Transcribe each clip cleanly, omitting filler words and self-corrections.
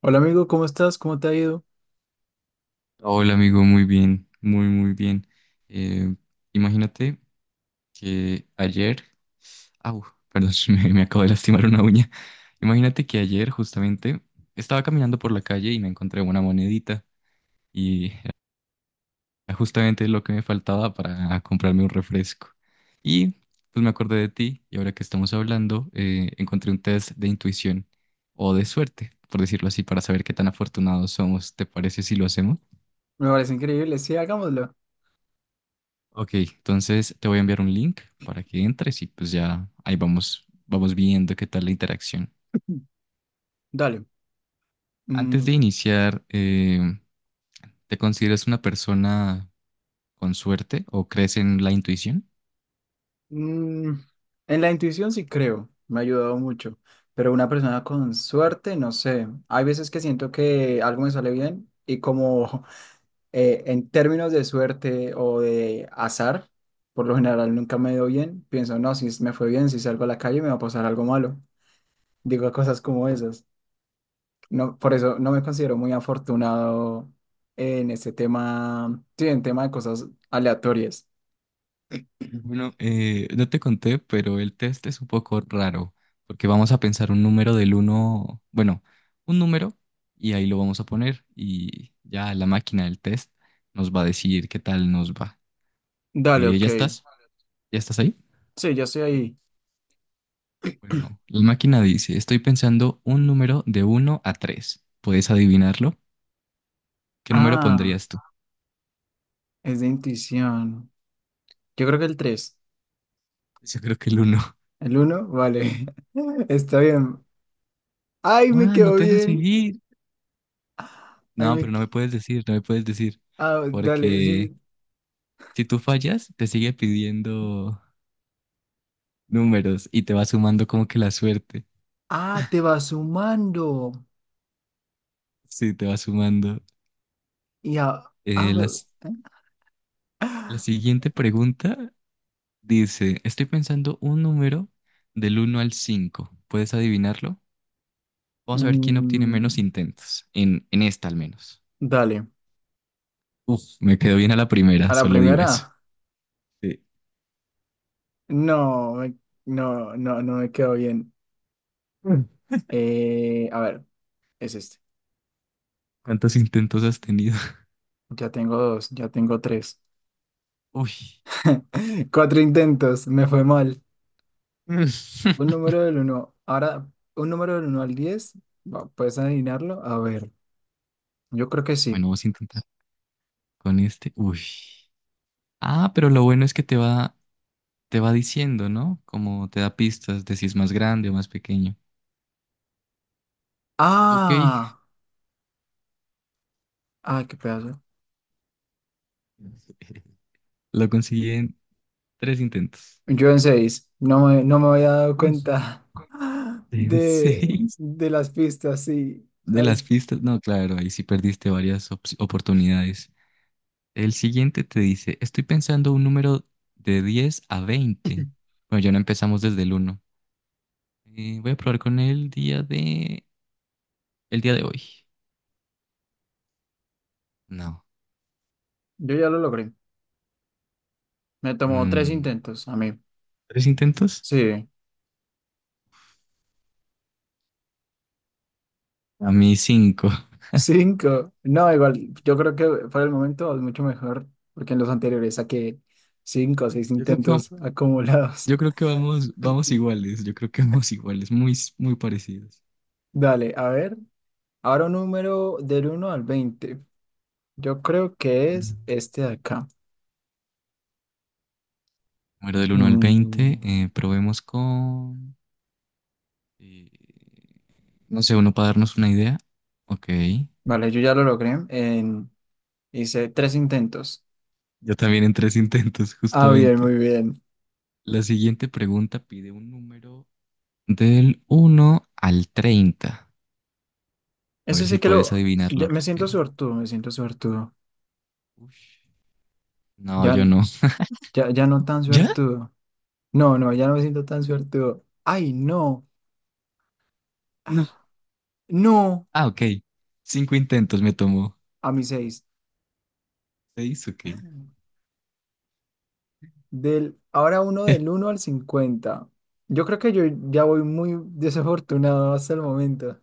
Hola amigo, ¿cómo estás? ¿Cómo te ha ido? Hola amigo, muy bien, muy muy bien. Eh, Imagínate que ayer, au, perdón, me acabo de lastimar una uña. Imagínate que ayer justamente estaba caminando por la calle y me encontré una monedita y era justamente lo que me faltaba para comprarme un refresco. Y pues me acordé de ti y ahora que estamos hablando, encontré un test de intuición o de suerte, por decirlo así, para saber qué tan afortunados somos. ¿Te parece si lo hacemos? Me parece increíble. Sí, hagámoslo. Ok, entonces te voy a enviar un link para que entres y pues ya ahí vamos, vamos viendo qué tal la interacción. Dale. Mm. Antes de iniciar, ¿te consideras una persona con suerte o crees en la intuición? mm, en la intuición sí creo, me ha ayudado mucho, pero una persona con suerte, no sé. Hay veces que siento que algo me sale bien y como en términos de suerte o de azar, por lo general nunca me dio bien, pienso, no, si me fue bien, si salgo a la calle me va a pasar algo malo. Digo cosas como esas. No, por eso no me considero muy afortunado en este tema, sí, en tema de cosas aleatorias. Bueno, no te conté, pero el test es un poco raro porque vamos a pensar un número del uno, bueno, un número y ahí lo vamos a poner y ya la máquina del test nos va a decir qué tal nos va. Dale, ok. ¿Ya estás? ¿Ya estás ahí? Sí, ya estoy ahí. Bueno, la máquina dice, estoy pensando un número de uno a 3. ¿Puedes adivinarlo? ¿Qué número Ah, pondrías tú? es de intuición. Yo creo que el tres. Yo creo que el uno. ¿El uno? Vale. Está bien. Ay, me Ah, no quedó te deja bien. seguir. Ay, No, pero no me puedes decir, no me puedes decir. Ah, dale. Porque Sí. si tú fallas, te sigue pidiendo números y te va sumando como que la suerte. Ah, te va sumando. Sí, te va sumando. Y a... Eh, a- las, la siguiente pregunta dice, estoy pensando un número del uno al 5. ¿Puedes adivinarlo? Vamos a ver quién obtiene menos Mm, intentos, en esta al menos. dale. Uf, me quedó bien a la primera, A la solo digo primera. eso. Sí. No, no, no, no me quedó bien. Mm. A ver, es este. ¿Cuántos intentos has tenido? Ya tengo dos, ya tengo tres. Uy. Cuatro intentos, me fue mal. Mm. Un número del uno. Ahora, un número del uno al 10. Va, ¿puedes adivinarlo? A ver, yo creo que sí. Bueno, vamos a intentar con este. Uy. Ah, pero lo bueno es que te va diciendo, ¿no? Como te da pistas de si es más grande o más pequeño. Ok. ¡Ah! ¡Ah, qué pedazo! Lo conseguí en tres intentos. Yo en seis. No me había dado Uy. cuenta En de, seis de las pistas, sí. de las Ay, pistas. No, claro, ahí sí perdiste varias oportunidades. El siguiente te dice, estoy pensando un número de 10 a 20. Bueno, ya no empezamos desde el uno. Voy a probar con el día de hoy. No. yo ya lo logré. Me tomó tres Mm, intentos a mí. ¿tres intentos? Sí. A mí cinco. Cinco. No, igual, yo creo que para el momento es mucho mejor, porque en los anteriores saqué cinco o seis Yo creo que, intentos acumulados. yo creo que vamos, vamos iguales, yo creo que vamos iguales, muy, muy parecidos. Dale, a ver. Ahora un número del uno al 20, yo creo que Bueno. es este de acá. Número del uno al 20. Mm, Probemos con... eh, no sé, uno para darnos una idea. Ok. vale, yo ya lo logré. Hice tres intentos. Yo también en tres intentos, Ah, bien, justamente. muy bien. La siguiente pregunta pide un número del uno al 30. A Ese ver sí si que puedes adivinarlo me siento rápido. suertudo, me siento suertudo. Ush. No, Ya, yo no. ya, ya no tan ¿Ya? suertudo. No, no, ya no me siento tan suertudo. Ay, no. No. No. Ah, ok. Cinco intentos me tomó. A mi, seis. Seis, ok. Ahora uno del uno al 50. Yo creo que yo ya voy muy desafortunado hasta el momento.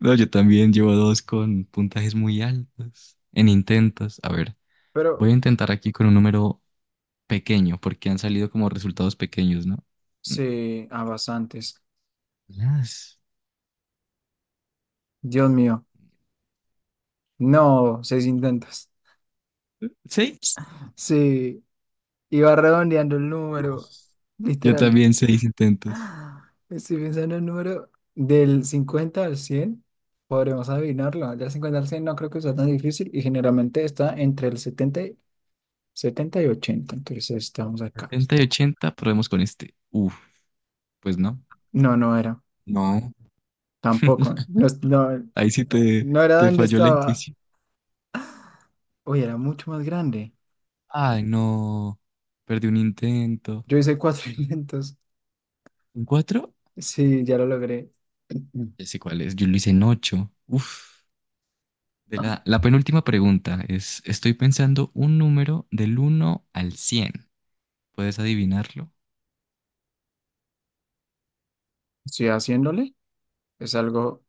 No, yo también llevo dos con puntajes muy altos en intentos. A ver, Pero voy a intentar aquí con un número pequeño porque han salido como resultados pequeños, ¿no? Mm, sí, a bastantes. Las... Dios mío. No, seis intentos. Seis. Sí, iba redondeando el Uf. número. Yo Literal. también seis intentos. Ah, estoy pensando en el número del 50 al 100. Podremos adivinarlo. Del cincuenta al 100 no creo que sea tan difícil y generalmente está entre el 70 y 80. Entonces estamos acá. 70 y 80, probemos con este. Uf, pues no. No, no era. No. Tampoco. No, no, Ahí sí te, no era te donde falló la estaba. intuición. Uy, era mucho más grande. Ay, no. Perdí un intento. Yo hice 400. ¿En cuatro? Sí, ya lo logré. Ya sé cuál es. Yo lo hice en ocho. Uf. De Ah, la penúltima pregunta es, estoy pensando un número del uno al 100. ¿Puedes adivinarlo? estoy haciéndole. Es algo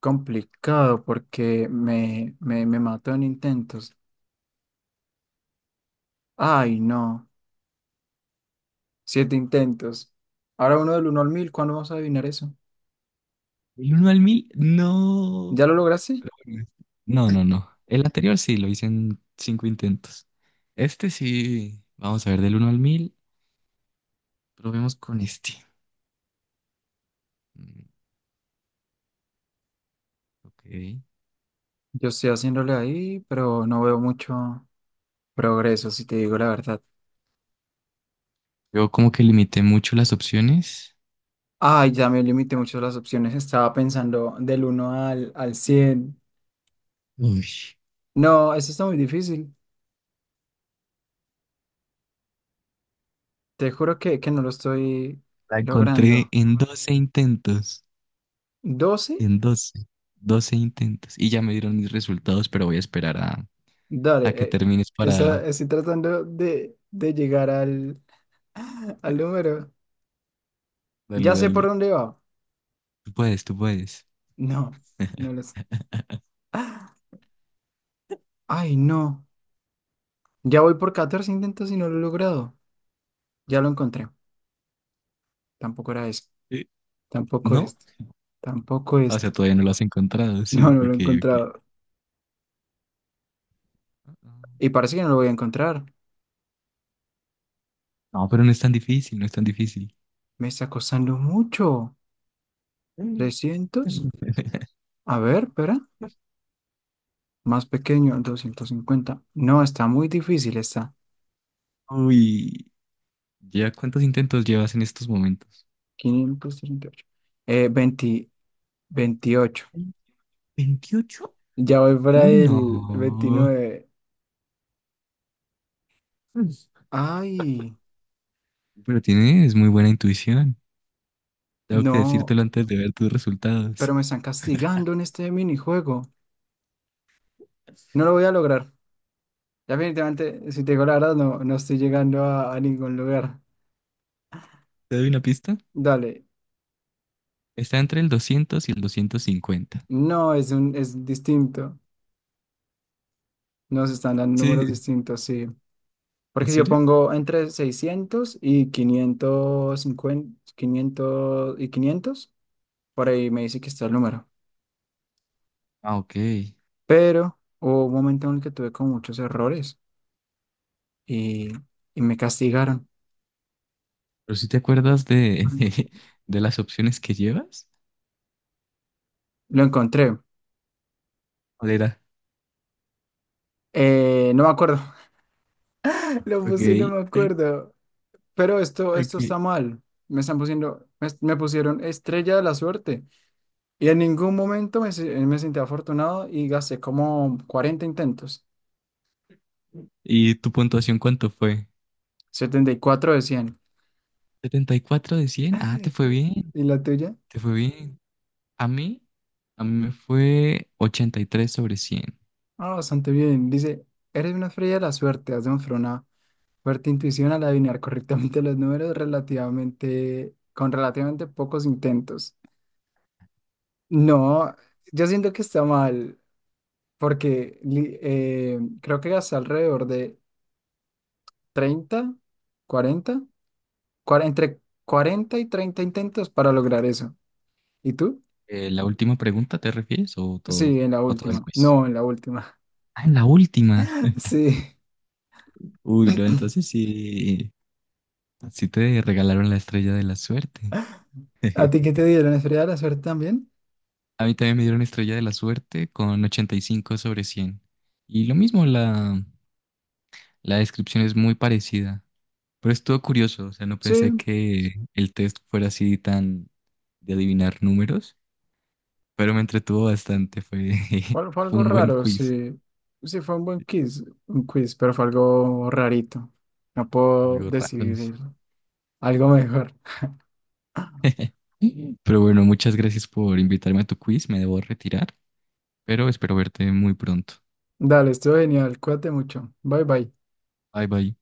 complicado porque me mató en intentos. Ay, no. Siete intentos. Ahora uno del uno al 1000. ¿Cuándo vamos a adivinar eso? ¿Del uno al mil? No. ¿Ya lo lograste? Pero bueno, No, no, no. El anterior sí, lo hice en cinco intentos. Este sí. Vamos a ver, del uno al 1000. Probemos con este. Mm, Ok. Yo estoy haciéndole ahí, pero no veo mucho progreso, si te digo la verdad. Yo como que limité mucho las opciones. Ay, ya me limité mucho las opciones. Estaba pensando del uno al 100. Uy, No, eso está muy difícil. Te juro que no lo estoy la encontré logrando. en 12 intentos. 12. En 12, 12 intentos. Y ya me dieron mis resultados, pero voy a esperar a Dale. que termines O para... sea, estoy tratando de llegar al número. Dale, Ya sé por dale. dónde va. Tú puedes, tú puedes. No, no lo sé. ¡Ah! Ay, no. Ya voy por 14 intentos y no lo he logrado. Ya lo encontré. Tampoco era eso. Eh, Tampoco ¿no? este. Tampoco O este. sea, todavía no lo has encontrado. No, Sí, no lo he ok, ok. encontrado. Y parece que no lo voy a encontrar. No, pero no es tan difícil, no es tan difícil. Me está costando mucho. 300. A ver, espera. Más pequeño, 250. No, está muy difícil, está. Uy, ¿ya cuántos intentos llevas en estos momentos? 538. Veinte 28. Veintiocho, Ya voy para uy, el no. 29. Pues, Ay, pero tienes muy buena intuición. Tengo que no, decírtelo antes de ver tus resultados. pero me están castigando en este minijuego. No lo voy a lograr. Definitivamente, si te digo la verdad, no, no estoy llegando a ningún lugar. ¿Te doy una pista? Dale. Está entre el 200 y el 250. No, es distinto. Nos están dando Sí, números distintos, sí. ¿en Porque si yo serio? pongo entre 600 y 550, 500 y 500, por ahí me dice que está el número. Ah, ok. Pero Pero hubo un momento en el que tuve con muchos errores y, y me castigaron. ¿si te acuerdas de, de las opciones que llevas? Lo encontré. ¿Cuál era? No me acuerdo. Lo Ok, puse, y no me ok, acuerdo. Pero esto ok. está mal. Me pusieron estrella de la suerte. Y en ningún momento me sentí afortunado y gasté como 40 intentos. ¿Y tu puntuación cuánto fue? 74 de 100. 74 de 100. Ah, te fue bien, ¿Y la tuya? te fue bien. A mí, a mí me fue 83 sobre 100. Ah, bastante bien. Dice, eres una estrella de la suerte, has demostrado una fuerte intuición al adivinar correctamente los números con relativamente pocos intentos. No, yo siento que está mal, porque creo que hasta alrededor de 30, 40, entre 40 y 30 intentos para lograr eso. ¿Y tú? ¿La última pregunta te refieres Sí, en la o todo el última. quiz? No, en la última. Ah, en la última. Sí. Uy, no, entonces sí, sí te regalaron la estrella de la suerte. ¿A ti qué te dieron? ¿Estrella de la suerte también? A mí también me dieron estrella de la suerte con 85 sobre 100. Y lo mismo, la descripción es muy parecida. Pero estuvo curioso, o sea, no pensé Sí. que el test fuera así tan de adivinar números, pero me entretuvo bastante, fue, Fue fue algo un buen raro, quiz, sí. Sí, fue un buen quiz, un quiz, pero fue algo rarito. No puedo algo raro. decir algo mejor. Pero bueno, muchas gracias por invitarme a tu quiz. Me debo retirar, pero espero verte muy pronto. Dale, estuvo genial. Cuídate mucho. Bye bye. Bye bye.